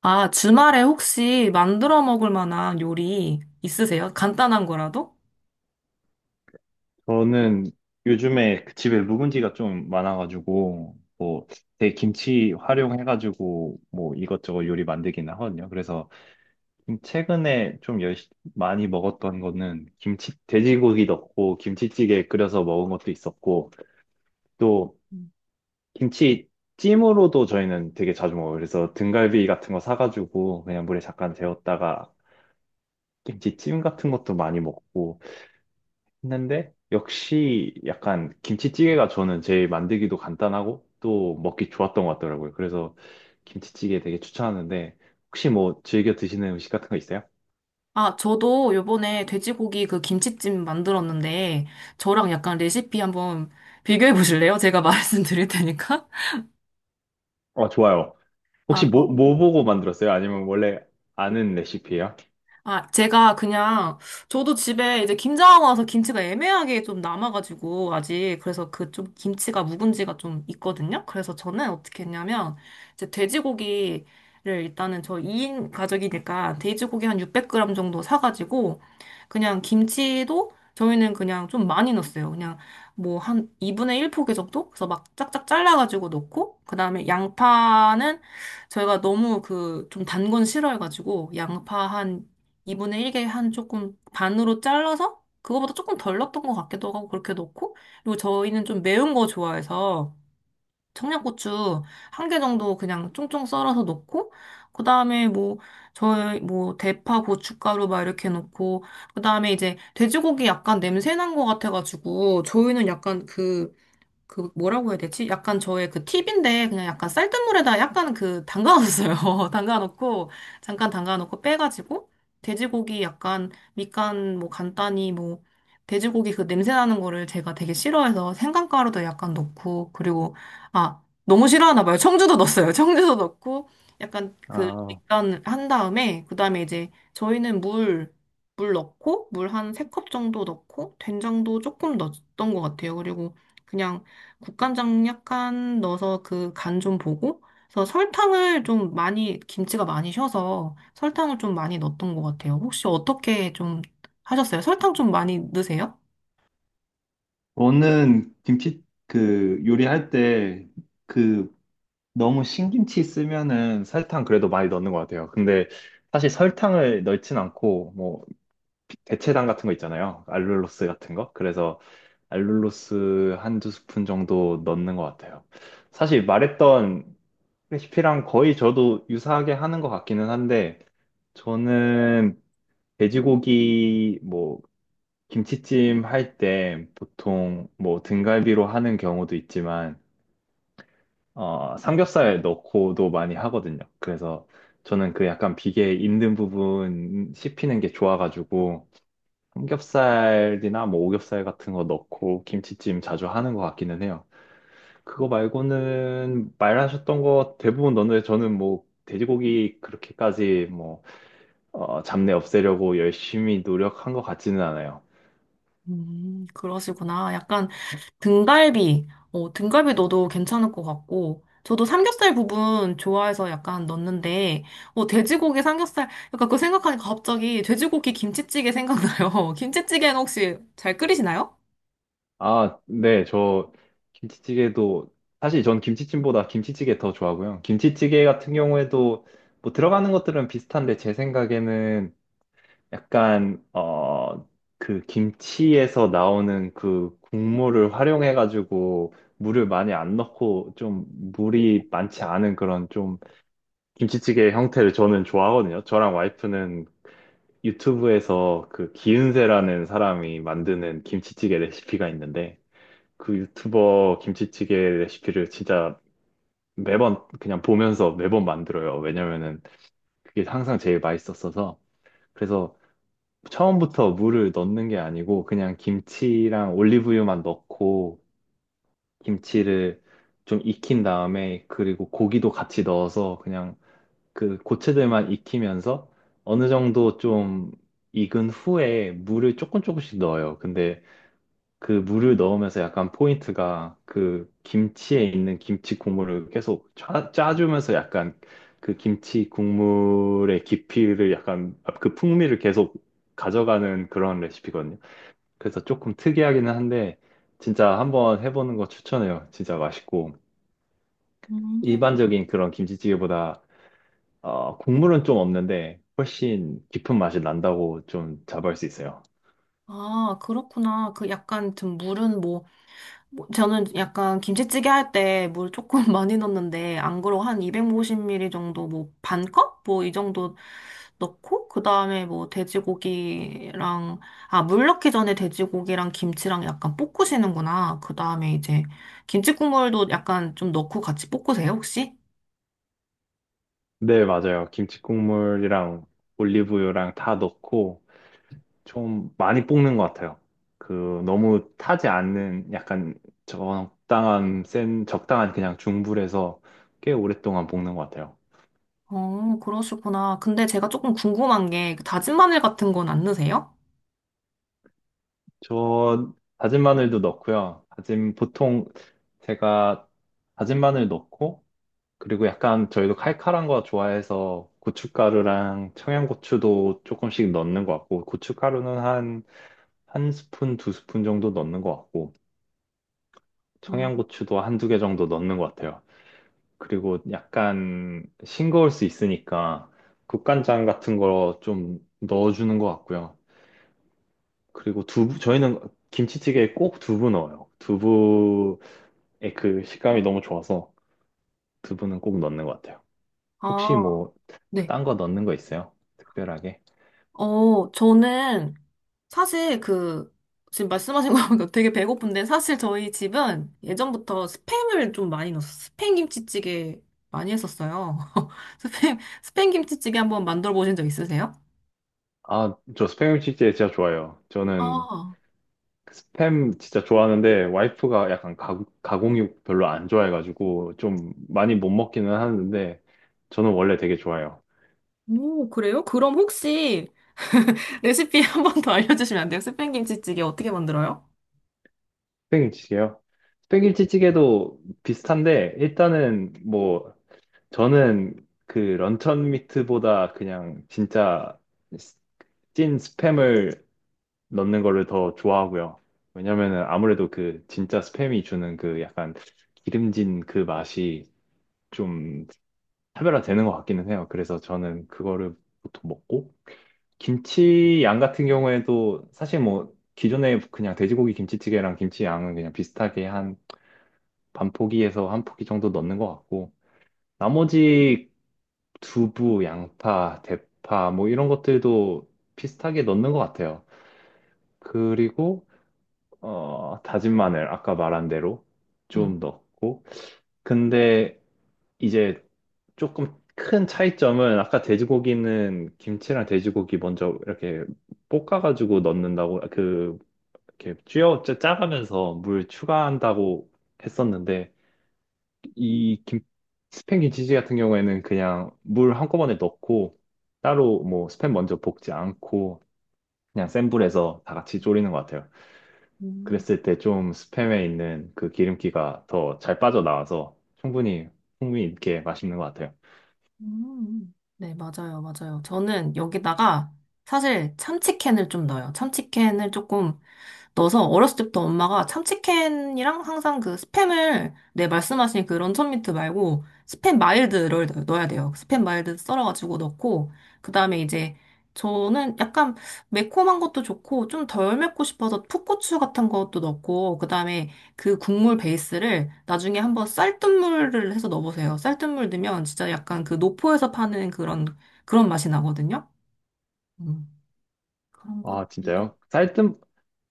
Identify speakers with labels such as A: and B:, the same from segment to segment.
A: 아, 주말에 혹시 만들어 먹을 만한 요리 있으세요? 간단한 거라도?
B: 저는 요즘에 그 집에 묵은지가 좀 많아가지고, 뭐, 제 김치 활용해가지고, 뭐, 이것저것 요리 만들긴 하거든요. 그래서, 좀 최근에 많이 먹었던 거는, 김치, 돼지고기 넣고, 김치찌개 끓여서 먹은 것도 있었고, 또, 김치찜으로도 저희는 되게 자주 먹어요. 그래서 등갈비 같은 거 사가지고, 그냥 물에 잠깐 데웠다가, 김치찜 같은 것도 많이 먹고, 했는데 역시 약간 김치찌개가 저는 제일 만들기도 간단하고 또 먹기 좋았던 것 같더라고요. 그래서 김치찌개 되게 추천하는데 혹시 뭐 즐겨 드시는 음식 같은 거 있어요?
A: 아, 저도 요번에 돼지고기 그 김치찜 만들었는데, 저랑 약간 레시피 한번 비교해 보실래요? 제가 말씀드릴 테니까.
B: 어, 좋아요.
A: 아,
B: 혹시 뭐, 뭐 보고 만들었어요? 아니면 원래 아는 레시피예요?
A: 아, 제가 그냥, 저도 집에 이제 김장 와서 김치가 애매하게 좀 남아가지고, 아직. 그래서 그 좀 김치가 묵은지가 좀 있거든요? 그래서 저는 어떻게 했냐면, 이제 돼지고기를 일단은 저 2인 가족이니까 돼지고기 한 600g 정도 사가지고, 그냥 김치도 저희는 그냥 좀 많이 넣었어요. 그냥 뭐 한 2분의 1 포기 정도? 그래서 막 짝짝 잘라가지고 넣고, 그 다음에 양파는 저희가 너무 그 좀 단건 싫어해가지고, 양파 한 2분의 1개 한 조금 반으로 잘라서 그거보다 조금 덜 넣었던 것 같기도 하고 그렇게 넣고. 그리고 저희는 좀 매운 거 좋아해서 청양고추 1개 정도 그냥 쫑쫑 썰어서 넣고, 그다음에 뭐 저희 뭐 대파 고춧가루 막 이렇게 넣고, 그다음에 이제 돼지고기 약간 냄새 난 것 같아가지고 저희는 약간 그 뭐라고 해야 되지? 약간 저의 그 팁인데 그냥 약간 쌀뜨물에다 약간 그 담가놨어요. 담가놓고 잠깐 담가놓고 빼가지고 돼지고기 약간 밑간 뭐 간단히, 뭐 돼지고기 그 냄새 나는 거를 제가 되게 싫어해서 생강가루도 약간 넣고. 그리고 아, 너무 싫어하나 봐요. 청주도 넣었어요. 청주도 넣고 약간 그
B: 아,
A: 밑간 한 다음에, 그다음에 이제 저희는 물 넣고, 물 한 3컵 정도 넣고, 된장도 조금 넣었던 것 같아요. 그리고 그냥 국간장 약간 넣어서 그 간 좀 보고, 그래서 설탕을 좀 많이, 김치가 많이 쉬어서 설탕을 좀 많이 넣었던 것 같아요. 혹시 어떻게 좀 하셨어요? 설탕 좀 많이 넣으세요?
B: 저는 김치 그 요리할 때 그 너무 신김치 쓰면은 설탕 그래도 많이 넣는 것 같아요. 근데 사실 설탕을 넣진 않고 뭐 대체당 같은 거 있잖아요. 알룰로스 같은 거. 그래서 알룰로스 한 두 스푼 정도 넣는 것 같아요. 사실 말했던 레시피랑 거의 저도 유사하게 하는 것 같기는 한데, 저는 돼지고기 뭐 김치찜 할 때 보통 뭐 등갈비로 하는 경우도 있지만, 어, 삼겹살 넣고도 많이 하거든요. 그래서 저는 그 약간 비계 있는 부분 씹히는 게 좋아가지고, 삼겹살이나 뭐 오겹살 같은 거 넣고 김치찜 자주 하는 것 같기는 해요. 그거 말고는 말하셨던 거 대부분 넣는데 저는 뭐 돼지고기 그렇게까지 뭐 어, 잡내 없애려고 열심히 노력한 것 같지는 않아요.
A: 그러시구나. 약간 등갈비 넣어도 괜찮을 것 같고, 저도 삼겹살 부분 좋아해서 약간 넣는데, 어, 돼지고기 삼겹살, 약간 그거 생각하니까 갑자기 돼지고기 김치찌개 생각나요. 김치찌개는 혹시 잘 끓이시나요?
B: 아, 네, 저 김치찌개도 사실 전 김치찜보다 김치찌개 더 좋아하고요. 김치찌개 같은 경우에도 뭐 들어가는 것들은 비슷한데 제 생각에는 약간 어 그 김치에서 나오는 그 국물을 활용해 가지고 물을 많이 안 넣고 좀 물이 많지 않은 그런 좀 김치찌개 형태를 저는 좋아하거든요. 저랑 와이프는 유튜브에서 그 기은세라는 사람이 만드는 김치찌개 레시피가 있는데 그 유튜버 김치찌개 레시피를 진짜 매번 그냥 보면서 매번 만들어요. 왜냐면은 그게 항상 제일 맛있었어서 그래서 처음부터 물을 넣는 게 아니고 그냥 김치랑 올리브유만 넣고 김치를 좀 익힌 다음에 그리고 고기도 같이 넣어서 그냥 그 고체들만 익히면서 어느 정도 좀 익은 후에 물을 조금 조금씩 넣어요. 근데 그 물을 넣으면서 약간 포인트가 그 김치에 있는 김치 국물을 계속 짜주면서 약간 그 김치 국물의 깊이를 약간 그 풍미를 계속 가져가는 그런 레시피거든요. 그래서 조금 특이하기는 한데 진짜 한번 해보는 거 추천해요. 진짜 맛있고
A: 음.
B: 일반적인 그런 김치찌개보다 어, 국물은 좀 없는데 훨씬 깊은 맛이 난다고 좀 자부할 수 있어요.
A: 아, 그렇구나. 그 약간 좀 물은 뭐, 뭐 저는 약간 김치찌개 할 때 물 조금 많이 넣는데, 안 그러고 한 250ml 정도, 뭐 반 컵? 뭐 이 정도 넣고 그다음에 뭐 돼지고기랑, 아, 물 넣기 전에 돼지고기랑 김치랑 약간 볶으시는구나. 그다음에 이제 김치 국물도 약간 좀 넣고 같이 볶으세요, 혹시?
B: 네, 맞아요. 김치 국물이랑 올리브유랑 다 넣고 좀 많이 볶는 것 같아요. 그 너무 타지 않는 약간 적당한 센 적당한 그냥 중불에서 꽤 오랫동안 볶는 것 같아요.
A: 어, 그러시구나. 근데 제가 조금 궁금한 게 그 다진 마늘 같은 건 안 넣으세요?
B: 저 다진 마늘도 넣고요. 다진 보통 제가 다진 마늘 넣고 그리고 약간 저희도 칼칼한 거 좋아해서 고춧가루랑 청양고추도 조금씩 넣는 것 같고 고춧가루는 한 스푼 두 스푼 정도 넣는 것 같고
A: 음.
B: 청양고추도 한 두 개 정도 넣는 것 같아요. 그리고 약간 싱거울 수 있으니까 국간장 같은 거 좀 넣어주는 것 같고요. 그리고 두부 저희는 김치찌개에 꼭 두부 넣어요. 예, 그 식감이 너무 좋아서 두부는 꼭 넣는 것 같아요. 혹시
A: 아,
B: 뭐,
A: 네.
B: 딴 거 넣는 거 있어요? 특별하게?
A: 어, 저는 사실 그, 지금 말씀하신 거 보니까 되게 배고픈데, 사실 저희 집은 예전부터 스팸을 좀 많이 넣었어요. 스팸 김치찌개 많이 했었어요. 스팸, 스팸 김치찌개 한번 만들어 보신 적 있으세요?
B: 아, 저 스팸 치즈 진짜 좋아요. 저는
A: 아,
B: 그 스팸 진짜 좋아하는데, 와이프가 약간 가공육 별로 안 좋아해가지고, 좀 많이 못 먹기는 하는데, 저는 원래 되게 좋아요.
A: 오, 그래요? 그럼 혹시 레시피 한번 더 알려주시면 안 돼요? 스팸 김치찌개 어떻게 만들어요?
B: 스팸김치찌개요? 스팸김치찌개도 비슷한데, 일단은 뭐, 저는 그 런천 미트보다 그냥 진짜 찐 스팸을 넣는 거를 더 좋아하고요. 왜냐면은 아무래도 그 진짜 스팸이 주는 그 약간 기름진 그 맛이 좀 차별화되는 것 같기는 해요. 그래서 저는 그거를 보통 먹고 김치 양 같은 경우에도 사실 뭐 기존에 그냥 돼지고기 김치찌개랑 김치 양은 그냥 비슷하게 한 반 포기에서 한 포기 정도 넣는 것 같고 나머지 두부, 양파, 대파 뭐 이런 것들도 비슷하게 넣는 것 같아요. 그리고 어, 다진 마늘, 아까 말한 대로
A: 음.
B: 좀 넣고. 근데 이제 조금 큰 차이점은 아까 돼지고기는 김치랑 돼지고기 먼저 이렇게 볶아가지고 넣는다고, 그, 이렇게 쥐어 짜가면서 물 추가한다고 했었는데, 이 김, 스팸 김치찌개 같은 경우에는 그냥 물 한꺼번에 넣고, 따로 뭐 스팸 먼저 볶지 않고, 그냥 센 불에서 다 같이 졸이는 것 같아요.
A: 음,
B: 그랬을 때 좀 스팸에 있는 그 기름기가 더 잘 빠져나와서 충분히, 풍미 있게 맛있는 것 같아요.
A: 네, 맞아요, 맞아요. 저는 여기다가 사실 참치캔을 좀 넣어요. 참치캔을 조금 넣어서 어렸을 때부터 엄마가 참치캔이랑 항상 그 스팸을, 내 말씀하신 그 런천 미트 말고 스팸 마일드를 넣어야 돼요. 스팸 마일드 썰어가지고 넣고 그다음에 이제 저는 약간 매콤한 것도 좋고 좀 덜 맵고 싶어서 풋고추 같은 것도 넣고, 그다음에 그 국물 베이스를 나중에 한번 쌀뜨물을 해서 넣어보세요. 쌀뜨물 넣으면 진짜 약간 그 노포에서 파는 그런 맛이 나거든요. 음, 그런 것.
B: 아, 진짜요?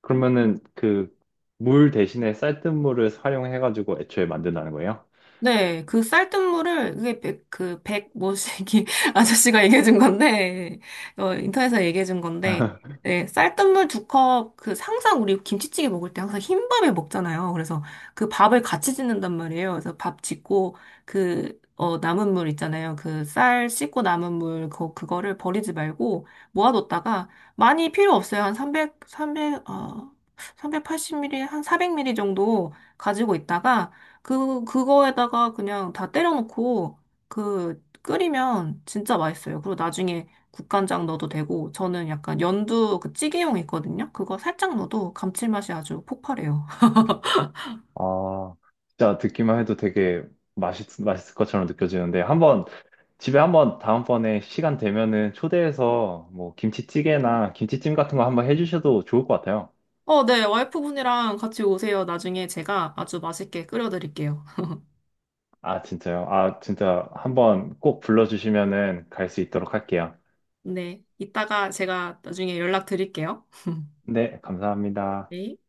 B: 그러면은 그 물 대신에 쌀뜨물을 활용해가지고 애초에 만든다는 거예요?
A: 네, 그 쌀뜨물을, 그게 백, 뭐시기 아저씨가 얘기해준 건데, 어, 인터넷에서 얘기해준 건데, 네, 쌀뜨물 2컵, 그, 항상 우리 김치찌개 먹을 때 항상 흰밥에 먹잖아요. 그래서 그 밥을 같이 짓는단 말이에요. 그래서 밥 짓고, 그, 어, 남은 물 있잖아요. 그 쌀 씻고 남은 물, 그, 그거를 버리지 말고 모아뒀다가, 많이 필요 없어요. 한 300, 어, 380ml, 한 400ml 정도 가지고 있다가, 그, 그거에다가 그냥 다 때려놓고, 그, 끓이면 진짜 맛있어요. 그리고 나중에 국간장 넣어도 되고, 저는 약간 연두 그 찌개용 있거든요? 그거 살짝 넣어도 감칠맛이 아주 폭발해요.
B: 아, 진짜 듣기만 해도 되게 맛있을 것처럼 느껴지는데, 한번, 집에 한번 다음번에 시간 되면은 초대해서 뭐 김치찌개나 김치찜 같은 거 한번 해주셔도 좋을 것 같아요.
A: 어, 네. 와이프분이랑 같이 오세요. 나중에 제가 아주 맛있게 끓여드릴게요.
B: 아, 진짜요? 아, 진짜 한번 꼭 불러주시면은 갈 수 있도록 할게요.
A: 네. 이따가 제가 나중에 연락드릴게요.
B: 네, 감사합니다.
A: 네.